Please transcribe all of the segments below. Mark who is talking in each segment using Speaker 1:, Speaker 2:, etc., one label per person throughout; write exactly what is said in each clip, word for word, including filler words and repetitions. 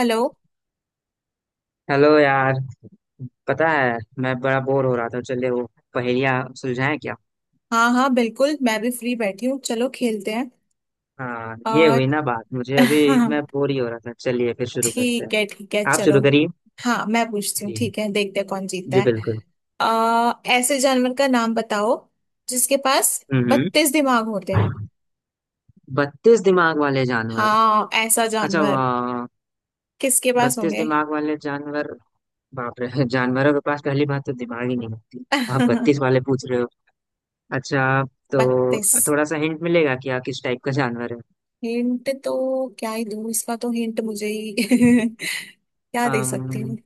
Speaker 1: Hello.
Speaker 2: Hello यार। पता है मैं बड़ा बोर हो रहा था। चलिए वो पहेलियाँ सुलझाएं क्या।
Speaker 1: हाँ, हाँ, बिल्कुल, मैं भी फ्री बैठी हूँ, चलो खेलते हैं।
Speaker 2: हाँ, ये
Speaker 1: और।
Speaker 2: हुई ना बात। मुझे अभी
Speaker 1: हाँ।
Speaker 2: मैं बोर ही हो रहा था। चलिए फिर शुरू करते हैं।
Speaker 1: ठीक है, ठीक है,
Speaker 2: आप
Speaker 1: चलो।
Speaker 2: शुरू करिए।
Speaker 1: हाँ, मैं पूछती हूँ।
Speaker 2: जी।
Speaker 1: ठीक है, देखते हैं कौन जीतता
Speaker 2: जी
Speaker 1: है।
Speaker 2: बिल्कुल।
Speaker 1: आ, ऐसे जानवर का नाम बताओ जिसके पास
Speaker 2: हम्म।
Speaker 1: बत्तीस दिमाग होते हैं।
Speaker 2: हम्म। बत्तीस दिमाग वाले जानवर।
Speaker 1: हाँ, ऐसा
Speaker 2: अच्छा
Speaker 1: जानवर
Speaker 2: वाह।
Speaker 1: किसके पास
Speaker 2: बत्तीस
Speaker 1: होंगे?
Speaker 2: दिमाग वाले जानवर। बाप रे। जानवरों के पास पहली बात तो दिमाग ही नहीं होती। आप बत्तीस वाले पूछ रहे हो। अच्छा। तो
Speaker 1: बत्तीस।
Speaker 2: थोड़ा सा हिंट मिलेगा कि आप किस टाइप का जानवर
Speaker 1: हिंट तो क्या ही दूँ, इसका तो हिंट मुझे ही क्या दे सकती हूँ।
Speaker 2: है।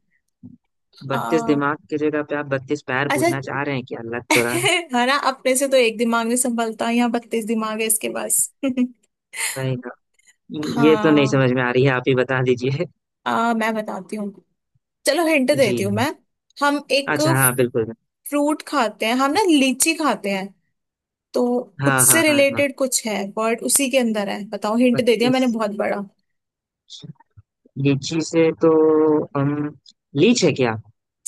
Speaker 2: बत्तीस
Speaker 1: आ,
Speaker 2: दिमाग की जगह पे आप बत्तीस पैर
Speaker 1: अच्छा।
Speaker 2: पूछना चाह रहे हैं क्या। लग तो रहा है
Speaker 1: है ना, अपने से तो एक दिमाग नहीं संभलता, यहाँ बत्तीस दिमाग है इसके पास।
Speaker 2: रहेगा। ये तो नहीं
Speaker 1: हाँ।
Speaker 2: समझ में आ रही है। आप ही बता दीजिए।
Speaker 1: आ, मैं बताती हूँ। चलो, हिंट
Speaker 2: जी।
Speaker 1: देती हूँ मैं। हम एक
Speaker 2: अच्छा, हाँ बिल्कुल।
Speaker 1: फ्रूट खाते हैं, हम ना लीची खाते हैं, तो
Speaker 2: हाँ
Speaker 1: उससे
Speaker 2: हाँ हाँ हाँ।
Speaker 1: रिलेटेड कुछ है। वर्ड उसी के अंदर है। बताओ, हिंट दे दिया
Speaker 2: बत्तीस।
Speaker 1: मैंने बहुत बड़ा।
Speaker 2: लीची से तो हम लीच है क्या।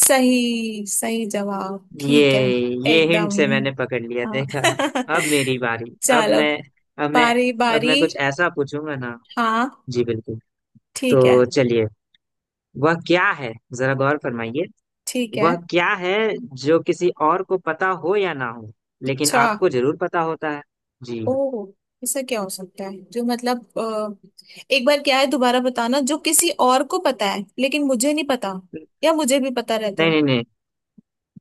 Speaker 1: सही सही जवाब,
Speaker 2: ये
Speaker 1: ठीक है।
Speaker 2: ये
Speaker 1: एकदम।
Speaker 2: हिंट से मैंने पकड़ लिया देखा।
Speaker 1: हाँ।
Speaker 2: अब मेरी बारी। अब
Speaker 1: चलो,
Speaker 2: मैं अब मैं
Speaker 1: बारी
Speaker 2: अब
Speaker 1: बारी।
Speaker 2: मैं कुछ ऐसा पूछूंगा ना।
Speaker 1: हाँ,
Speaker 2: जी बिल्कुल।
Speaker 1: ठीक है,
Speaker 2: तो चलिए। वह क्या है, जरा गौर फरमाइए।
Speaker 1: ठीक है।
Speaker 2: वह क्या है जो किसी और को पता हो या ना हो, लेकिन
Speaker 1: अच्छा।
Speaker 2: आपको जरूर पता होता है। जी।
Speaker 1: ओह। ऐसा क्या हो सकता है जो मतलब अ, एक बार क्या है दोबारा बताना, जो किसी और को पता है लेकिन मुझे नहीं पता, या मुझे भी पता रहता है?
Speaker 2: नहीं नहीं नहीं।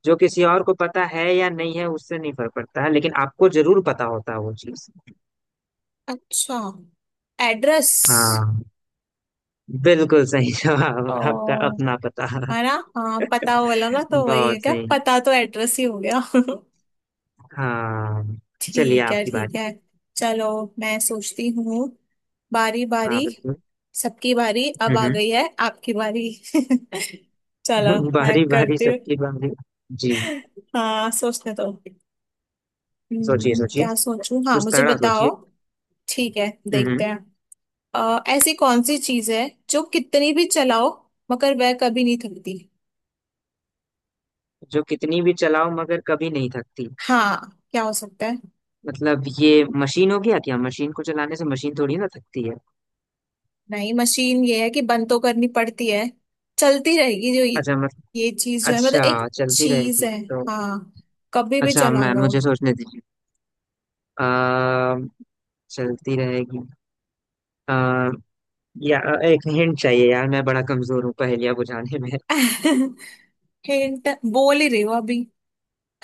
Speaker 2: जो किसी और को पता है या नहीं है उससे नहीं फर्क पड़ता है, लेकिन आपको जरूर पता होता है वो चीज।
Speaker 1: अच्छा, एड्रेस।
Speaker 2: हाँ, बिल्कुल सही जवाब। आपका
Speaker 1: ओ,
Speaker 2: अपना पता।
Speaker 1: है ना। हाँ, पता वाला ना, तो वही है
Speaker 2: बहुत
Speaker 1: क्या
Speaker 2: सही।
Speaker 1: पता, तो एड्रेस ही हो गया।
Speaker 2: हाँ। चलिए
Speaker 1: ठीक है,
Speaker 2: आपकी
Speaker 1: ठीक
Speaker 2: बारी।
Speaker 1: है। चलो, मैं सोचती हूँ। बारी बारी,
Speaker 2: हाँ बिल्कुल।
Speaker 1: सबकी बारी, अब आ
Speaker 2: हम्म।
Speaker 1: गई है आपकी बारी। चलो,
Speaker 2: हम्म।
Speaker 1: मैं
Speaker 2: बारी बारी
Speaker 1: करती हूँ।
Speaker 2: सबकी बारी। जी।
Speaker 1: हाँ, सोचने दो।
Speaker 2: सोचिए
Speaker 1: हम्म,
Speaker 2: सोचिए।
Speaker 1: क्या सोचूं, हाँ,
Speaker 2: कुछ
Speaker 1: मुझे
Speaker 2: तगड़ा सोचिए।
Speaker 1: बताओ। ठीक है,
Speaker 2: हम्म।
Speaker 1: देखते
Speaker 2: हम्म।
Speaker 1: हैं। अ, ऐसी कौन सी चीज है जो कितनी भी चलाओ, मगर वह कभी नहीं थकती?
Speaker 2: जो कितनी भी चलाओ, मगर कभी नहीं थकती।
Speaker 1: हाँ, क्या हो सकता है?
Speaker 2: मतलब ये मशीन हो गया क्या? मशीन को चलाने से मशीन थोड़ी ना थकती है।
Speaker 1: नहीं, मशीन ये है कि बंद तो करनी पड़ती है। चलती रहेगी, जो ये।
Speaker 2: अच्छा मतलब।
Speaker 1: ये चीज जो है, मतलब एक
Speaker 2: अच्छा चलती
Speaker 1: चीज
Speaker 2: रहेगी
Speaker 1: है।
Speaker 2: तो।
Speaker 1: हाँ, कभी भी
Speaker 2: अच्छा
Speaker 1: चला
Speaker 2: मैम,
Speaker 1: लो।
Speaker 2: मुझे सोचने दीजिए। आ, चलती रहेगी। आ, या एक हिंट चाहिए यार, मैं बड़ा कमजोर हूँ पहेलियाँ बुझाने में।
Speaker 1: हिंट बोल ही रही हो अभी।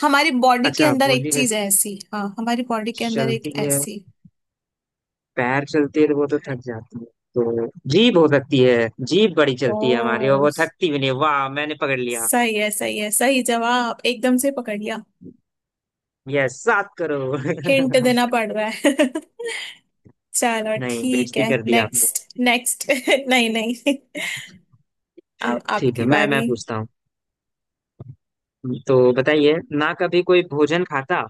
Speaker 1: हमारी बॉडी के
Speaker 2: अच्छा,
Speaker 1: अंदर एक
Speaker 2: बोली में
Speaker 1: चीज है ऐसी, हाँ, हमारी बॉडी के अंदर एक
Speaker 2: चलती है।
Speaker 1: ऐसी।
Speaker 2: पैर चलती है तो वो तो थक जाती है तो। जीभ हो सकती है। जीभ बड़ी चलती है हमारी और
Speaker 1: ओ,
Speaker 2: वो थकती भी नहीं। वाह, मैंने पकड़ लिया।
Speaker 1: सही है, सही है, सही जवाब, एकदम से पकड़ लिया।
Speaker 2: यस सात करोड़।
Speaker 1: हिंट देना पड़ रहा है। चलो,
Speaker 2: नहीं,
Speaker 1: ठीक है,
Speaker 2: बेइज्जती कर दी आपने।
Speaker 1: Next next. नहीं, नहीं। अब
Speaker 2: ठीक है,
Speaker 1: आपकी
Speaker 2: मैं
Speaker 1: बारी।
Speaker 2: मैं पूछता हूँ। तो बताइए ना कभी कोई भोजन खाता।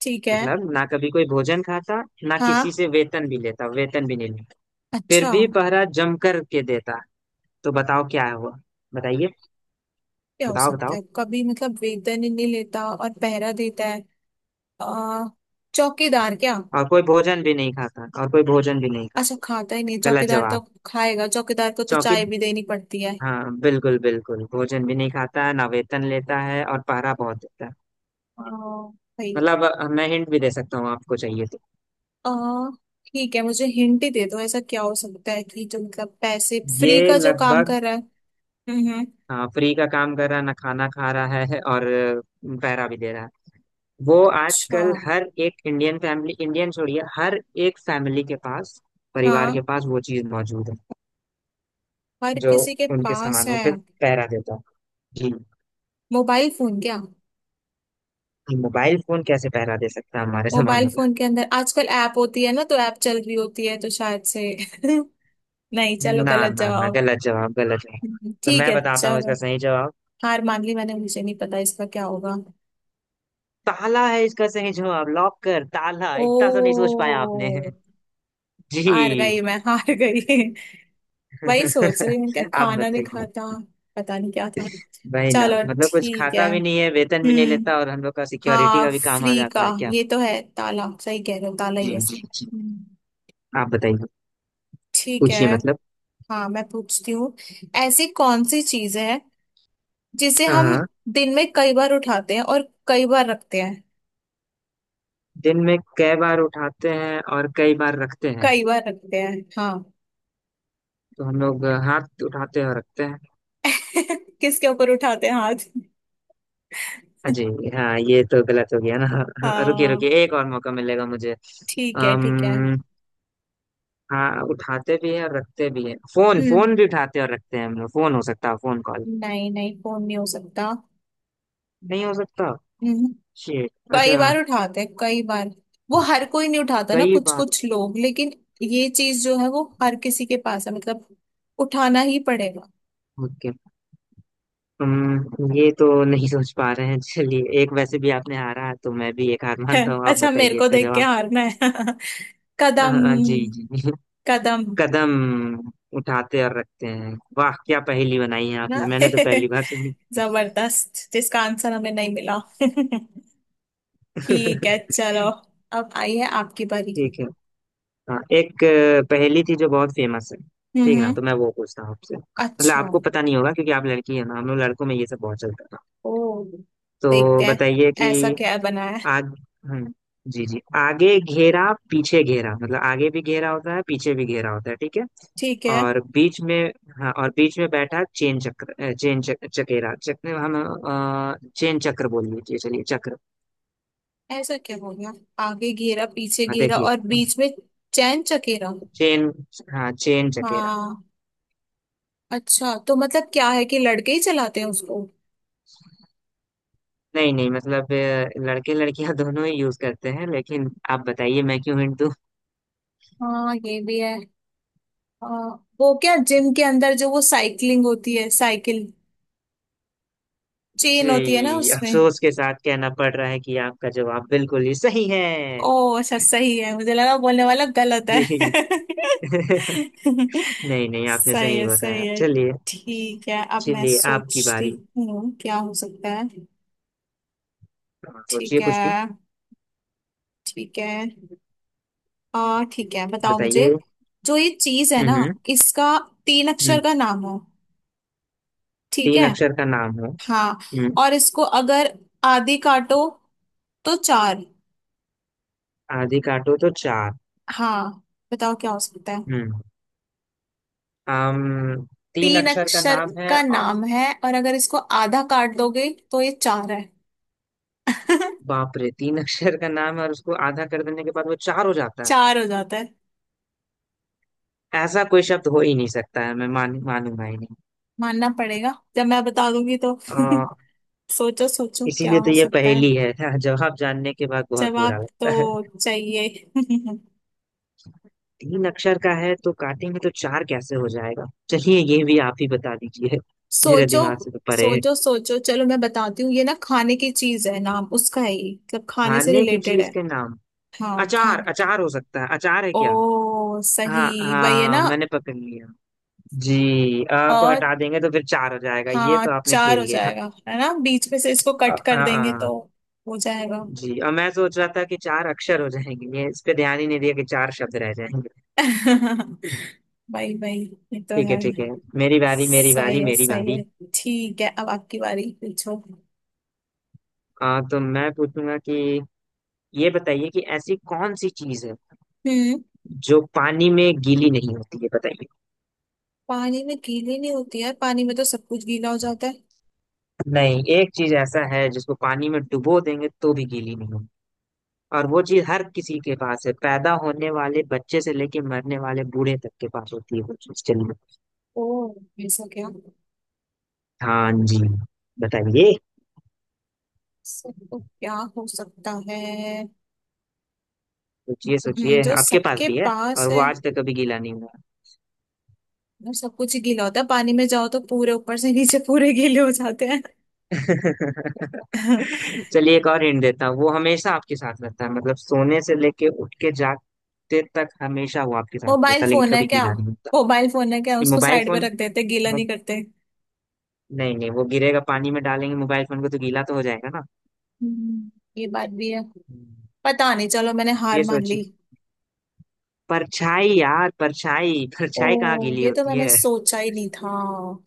Speaker 1: ठीक है।
Speaker 2: मतलब ना कभी कोई भोजन खाता, ना किसी
Speaker 1: हाँ,
Speaker 2: से वेतन भी लेता, वेतन भी नहीं लेता,
Speaker 1: अच्छा,
Speaker 2: फिर भी पहरा जम कर के देता। तो बताओ क्या है वो। बताइए।
Speaker 1: क्या हो
Speaker 2: बताओ
Speaker 1: सकता
Speaker 2: बताओ।
Speaker 1: है? कभी मतलब वेतन ही नहीं लेता और पहरा देता है। आ, चौकीदार क्या?
Speaker 2: और कोई भोजन भी नहीं खाता। और कोई भोजन भी नहीं
Speaker 1: अच्छा,
Speaker 2: खाता।
Speaker 1: खाता ही नहीं
Speaker 2: गलत
Speaker 1: चौकीदार तो?
Speaker 2: जवाब।
Speaker 1: खाएगा, चौकीदार को तो
Speaker 2: चौकी।
Speaker 1: चाय भी देनी पड़ती है।
Speaker 2: हाँ बिल्कुल बिल्कुल। भोजन भी नहीं खाता है, ना वेतन लेता है, और पहरा बहुत देता है।
Speaker 1: आ, भाई।
Speaker 2: मतलब मैं हिंट भी दे सकता हूँ, आपको चाहिए तो।
Speaker 1: आ, ठीक है, मुझे हिंट ही दे दो। ऐसा क्या हो सकता है कि जो मतलब पैसे फ्री
Speaker 2: ये
Speaker 1: का जो काम
Speaker 2: लगभग।
Speaker 1: कर रहा है? हम्म, हम्म,
Speaker 2: हाँ, फ्री का काम कर रहा है, ना खाना खा रहा है, और अ, पैरा भी दे रहा है। वो
Speaker 1: अच्छा।
Speaker 2: आजकल हर एक इंडियन फैमिली। इंडियन छोड़िए, हर एक फैमिली के पास, परिवार
Speaker 1: हाँ,
Speaker 2: के पास वो चीज मौजूद है,
Speaker 1: हर
Speaker 2: जो
Speaker 1: किसी के
Speaker 2: उनके
Speaker 1: पास
Speaker 2: सामानों
Speaker 1: है।
Speaker 2: पे पैरा देता है। जी।
Speaker 1: मोबाइल फोन क्या?
Speaker 2: ये मोबाइल फोन कैसे पैरा दे सकता है हमारे
Speaker 1: मोबाइल
Speaker 2: सामानों का।
Speaker 1: फोन के अंदर आजकल ऐप होती है ना, तो ऐप चल रही होती है, तो शायद से। नहीं, चलो,
Speaker 2: ना
Speaker 1: गलत
Speaker 2: ना ना,
Speaker 1: जवाब।
Speaker 2: गलत जवाब, गलत जवाब।
Speaker 1: हम्म,
Speaker 2: तो
Speaker 1: ठीक
Speaker 2: मैं
Speaker 1: है,
Speaker 2: बताता हूँ
Speaker 1: चलो।
Speaker 2: इसका सही जवाब।
Speaker 1: हार मान ली मैंने, मुझे नहीं पता इसका क्या होगा।
Speaker 2: ताला है इसका सही जवाब। लॉकर। ताला इतना तो नहीं सोच
Speaker 1: ओ,
Speaker 2: पाया आपने।
Speaker 1: हार
Speaker 2: जी।
Speaker 1: गई, मैं हार गई। वही सोच रही हूँ, क्या
Speaker 2: आप
Speaker 1: खाना नहीं
Speaker 2: बताइए।
Speaker 1: खाता, पता नहीं क्या था।
Speaker 2: वही ना
Speaker 1: चलो,
Speaker 2: मतलब। कुछ
Speaker 1: ठीक
Speaker 2: खाता
Speaker 1: है।
Speaker 2: भी नहीं है, वेतन भी नहीं
Speaker 1: हम्म।
Speaker 2: लेता, और हम लोग का सिक्योरिटी
Speaker 1: हाँ,
Speaker 2: का भी काम आ
Speaker 1: फ्री का।
Speaker 2: जाता है क्या।
Speaker 1: ये तो है ताला, सही कह रहे हो, ताला
Speaker 2: जी
Speaker 1: ही ऐसे।
Speaker 2: जी जी।
Speaker 1: हम्म।
Speaker 2: आप बताइए।
Speaker 1: ठीक है।
Speaker 2: पूछिए मतलब।
Speaker 1: हाँ, मैं पूछती हूँ। ऐसी कौन सी चीज है जिसे हम
Speaker 2: हाँ।
Speaker 1: दिन में कई बार उठाते हैं और कई बार रखते हैं?
Speaker 2: दिन में कई बार उठाते हैं और कई बार रखते हैं,
Speaker 1: कई बार रखते हैं, हाँ।
Speaker 2: तो हम लोग हाथ उठाते हैं और रखते हैं।
Speaker 1: किसके ऊपर उठाते हैं हाथ?
Speaker 2: अजी। हाँ ये तो गलत हो गया ना। हाँ, रुकिए
Speaker 1: हाँ,
Speaker 2: रुकिए, एक और मौका मिलेगा मुझे।
Speaker 1: ठीक है, ठीक है।
Speaker 2: अम्म हाँ, उठाते भी है और रखते भी है। फोन।
Speaker 1: हम्म।
Speaker 2: फोन भी उठाते हैं और रखते हैं हम लोग। फोन हो सकता है। Phone call.
Speaker 1: नहीं, नहीं, फोन नहीं हो सकता।
Speaker 2: नहीं हो सकता।
Speaker 1: हम्म।
Speaker 2: शिट।
Speaker 1: कई
Speaker 2: अच्छा।
Speaker 1: बार उठाते हैं, कई बार वो हर कोई नहीं उठाता ना,
Speaker 2: कई
Speaker 1: कुछ
Speaker 2: बार।
Speaker 1: कुछ लोग, लेकिन। ये चीज जो है वो हर किसी के पास है, मतलब उठाना ही पड़ेगा।
Speaker 2: ओके। हम्म ये तो नहीं सोच पा रहे हैं। चलिए, एक वैसे भी आपने हारा तो मैं भी एक हार मानता हूँ। आप
Speaker 1: अच्छा, मेरे
Speaker 2: बताइए
Speaker 1: को
Speaker 2: इसका
Speaker 1: देख के
Speaker 2: जवाब।
Speaker 1: हारना है।
Speaker 2: अ,
Speaker 1: कदम।
Speaker 2: जी जी।
Speaker 1: कदम।
Speaker 2: कदम। उठाते और रखते हैं। वाह, क्या पहेली बनाई है
Speaker 1: है ना?
Speaker 2: आपने, मैंने तो पहली बार सुनी।
Speaker 1: जबरदस्त, जिसका आंसर हमें नहीं मिला। ठीक है, चलो। अब आई है आपकी बारी।
Speaker 2: ठीक है। हाँ, एक अ, पहेली थी जो बहुत फेमस है।
Speaker 1: हम्म,
Speaker 2: ठीक ना,
Speaker 1: हम्म।
Speaker 2: तो मैं वो पूछता हूँ आपसे। मतलब
Speaker 1: अच्छा,
Speaker 2: आपको पता नहीं होगा, क्योंकि आप लड़की है ना, हम लोग लड़कों में ये सब बहुत चलता था।
Speaker 1: ओ,
Speaker 2: तो
Speaker 1: देखते हैं
Speaker 2: बताइए कि।
Speaker 1: ऐसा क्या बनाया है।
Speaker 2: आग। हम्म। जी जी। आगे घेरा पीछे घेरा। मतलब आगे भी घेरा होता है, पीछे भी घेरा होता है, ठीक है।
Speaker 1: ठीक है।
Speaker 2: और बीच में। हाँ, और बीच में बैठा चेन चक्र। अ, चेन चक, चकेरा चक्र। हम अ, चेन चक्र बोल लीजिए। चलिए चक्र।
Speaker 1: ऐसा क्या हो गया? आगे घेरा, पीछे
Speaker 2: हाँ
Speaker 1: घेरा,
Speaker 2: देखिए।
Speaker 1: और बीच में चैन चकेरा?
Speaker 2: चेन। हाँ, चेन चकेरा।
Speaker 1: हाँ, अच्छा, तो मतलब क्या है कि लड़के ही चलाते हैं उसको?
Speaker 2: नहीं नहीं, मतलब अ, लड़के लड़कियां दोनों ही यूज करते हैं। लेकिन आप बताइए, मैं क्यों हिंट दूं।
Speaker 1: हाँ, ये भी है। हाँ, वो क्या जिम के अंदर जो वो साइकिलिंग होती है, साइकिल, चेन होती है ना
Speaker 2: जी।
Speaker 1: उसमें।
Speaker 2: अफसोस के साथ कहना पड़ रहा है कि आपका जवाब बिल्कुल ही सही है।
Speaker 1: ओ, अच्छा, सही है, मुझे लगा बोलने वाला गलत है।
Speaker 2: जी। नहीं नहीं, आपने
Speaker 1: सही
Speaker 2: सही
Speaker 1: है,
Speaker 2: बताया।
Speaker 1: सही है।
Speaker 2: चलिए।
Speaker 1: ठीक है, अब मैं
Speaker 2: चलिए आपकी
Speaker 1: सोचती
Speaker 2: बारी।
Speaker 1: हूँ क्या हो सकता है।
Speaker 2: हाँ,
Speaker 1: ठीक
Speaker 2: सोचिए
Speaker 1: है,
Speaker 2: कुछ भी।
Speaker 1: ठीक है। आ ठीक है, बताओ मुझे।
Speaker 2: बताइए।
Speaker 1: जो ये चीज है ना,
Speaker 2: हम्म।
Speaker 1: इसका तीन अक्षर
Speaker 2: हम्म।
Speaker 1: का नाम हो। ठीक
Speaker 2: तीन
Speaker 1: है।
Speaker 2: अक्षर का नाम है।
Speaker 1: हाँ,
Speaker 2: हम्म।
Speaker 1: और इसको अगर आधी काटो तो चार।
Speaker 2: आधी काटो तो चार।
Speaker 1: हाँ, बताओ क्या हो सकता है।
Speaker 2: हम्म। आम। तीन
Speaker 1: तीन
Speaker 2: अक्षर का
Speaker 1: अक्षर
Speaker 2: नाम है,
Speaker 1: का
Speaker 2: और
Speaker 1: नाम है, और अगर इसको आधा काट दोगे तो ये चार है।
Speaker 2: बाप रे तीन अक्षर का नाम है और उसको आधा कर देने के बाद वो चार हो जाता है।
Speaker 1: चार हो जाता है।
Speaker 2: ऐसा कोई शब्द हो ही नहीं सकता है, मैं मान मानूंगा ही नहीं।
Speaker 1: मानना पड़ेगा जब मैं बता दूंगी तो।
Speaker 2: आ,
Speaker 1: सोचो, सोचो, क्या
Speaker 2: इसीलिए तो
Speaker 1: हो
Speaker 2: ये
Speaker 1: सकता है।
Speaker 2: पहेली है। जवाब जानने के बाद बहुत
Speaker 1: जवाब
Speaker 2: बुरा
Speaker 1: तो
Speaker 2: लगता है।
Speaker 1: चाहिए।
Speaker 2: तीन अक्षर का है तो काटेंगे तो चार कैसे हो जाएगा। चलिए ये भी आप ही बता दीजिए। मेरे
Speaker 1: सोचो,
Speaker 2: दिमाग से तो परे है।
Speaker 1: सोचो, सोचो, चलो मैं बताती हूँ, ये ना खाने की चीज है, नाम उसका है ये, मतलब खाने से
Speaker 2: खाने की
Speaker 1: रिलेटेड
Speaker 2: चीज
Speaker 1: है।
Speaker 2: के नाम।
Speaker 1: हाँ,
Speaker 2: अचार।
Speaker 1: खाने की।
Speaker 2: अचार हो सकता है। अचार है क्या?
Speaker 1: ओ, सही।
Speaker 2: हाँ
Speaker 1: वही है
Speaker 2: हाँ,
Speaker 1: ना?
Speaker 2: मैंने पकड़ लिया। जी। अ को
Speaker 1: और
Speaker 2: हटा देंगे तो फिर चार हो जाएगा। ये
Speaker 1: हाँ,
Speaker 2: तो आपने
Speaker 1: चार हो
Speaker 2: खेल गया।
Speaker 1: जाएगा है ना, बीच में से इसको
Speaker 2: अ,
Speaker 1: कट कर
Speaker 2: हाँ
Speaker 1: देंगे तो
Speaker 2: हाँ।
Speaker 1: हो जाएगा।
Speaker 2: जी, और मैं सोच रहा था कि चार अक्षर हो जाएंगे, ये इस पे ध्यान ही नहीं दिया कि चार शब्द रह जाएंगे।
Speaker 1: भाई, भाई, ये तो
Speaker 2: ठीक है,
Speaker 1: है।
Speaker 2: ठीक है। मेरी बारी, मेरी
Speaker 1: सही
Speaker 2: बारी,
Speaker 1: है,
Speaker 2: मेरी
Speaker 1: सही
Speaker 2: बारी।
Speaker 1: है। ठीक है, अब आपकी बारी, पूछो।
Speaker 2: आ, तो मैं पूछूंगा कि ये बताइए कि ऐसी कौन सी चीज है
Speaker 1: हम्म।
Speaker 2: जो पानी में गीली नहीं होती है। बताइए।
Speaker 1: पानी में गीली नहीं होती, यार पानी में तो सब कुछ गीला हो जाता है।
Speaker 2: नहीं, एक चीज ऐसा है जिसको पानी में डुबो देंगे तो भी गीली नहीं होगी। और वो चीज हर किसी के पास है, पैदा होने वाले बच्चे से लेके मरने वाले बूढ़े तक के पास होती है वो चीज। चलिए।
Speaker 1: ओ, ऐसा क्या?
Speaker 2: हाँ जी। बताइए।
Speaker 1: सब तो क्या हो सकता है?
Speaker 2: सोचिए
Speaker 1: हम्म,
Speaker 2: सोचिए,
Speaker 1: जो
Speaker 2: आपके पास
Speaker 1: सबके
Speaker 2: भी है। और
Speaker 1: पास
Speaker 2: वो
Speaker 1: है।
Speaker 2: आज तक कभी गीला नहीं हुआ।
Speaker 1: वो सब कुछ ही गीला होता है, पानी में जाओ तो पूरे ऊपर से नीचे पूरे गीले हो जाते हैं।
Speaker 2: चलिए एक और हिंट देता हूँ। वो हमेशा आपके साथ रहता है, मतलब सोने से लेके उठ के जागते तक हमेशा वो आपके साथ
Speaker 1: मोबाइल
Speaker 2: रहता है, लेकिन
Speaker 1: फोन है
Speaker 2: कभी
Speaker 1: क्या?
Speaker 2: गीला नहीं होता।
Speaker 1: मोबाइल फोन है क्या,
Speaker 2: ये
Speaker 1: उसको
Speaker 2: मोबाइल
Speaker 1: साइड में
Speaker 2: फोन?
Speaker 1: रख देते गीला नहीं करते?
Speaker 2: नहीं नहीं, वो गिरेगा, पानी में डालेंगे मोबाइल फोन को तो गीला तो हो जाएगा ना।
Speaker 1: हम्म, ये बात भी है।
Speaker 2: हम्म,
Speaker 1: पता नहीं, चलो मैंने
Speaker 2: ये
Speaker 1: हार मान ली।
Speaker 2: सोचिए। परछाई यार, परछाई। परछाई कहाँ
Speaker 1: ओ,
Speaker 2: गीली
Speaker 1: ये तो
Speaker 2: होती
Speaker 1: मैंने
Speaker 2: है।
Speaker 1: सोचा ही नहीं था।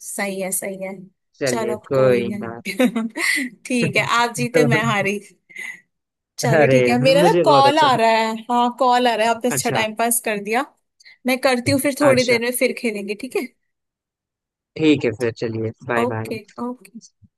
Speaker 1: सही है, सही है।
Speaker 2: चलिए
Speaker 1: चलो, कोई
Speaker 2: कोई ना।
Speaker 1: नहीं। ठीक है, आप जीते,
Speaker 2: तो।
Speaker 1: मैं हारी। चलो,
Speaker 2: अरे,
Speaker 1: ठीक है, मेरा ना
Speaker 2: मुझे बहुत
Speaker 1: कॉल आ
Speaker 2: अच्छा।
Speaker 1: रहा है, हाँ कॉल आ रहा है, आपने अच्छा
Speaker 2: अच्छा।
Speaker 1: टाइम पास कर दिया। मैं करती हूँ, फिर थोड़ी
Speaker 2: अच्छा।
Speaker 1: देर में फिर खेलेंगे, ठीक है?
Speaker 2: ठीक है फिर चलिए, बाय बाय।
Speaker 1: Okay, okay.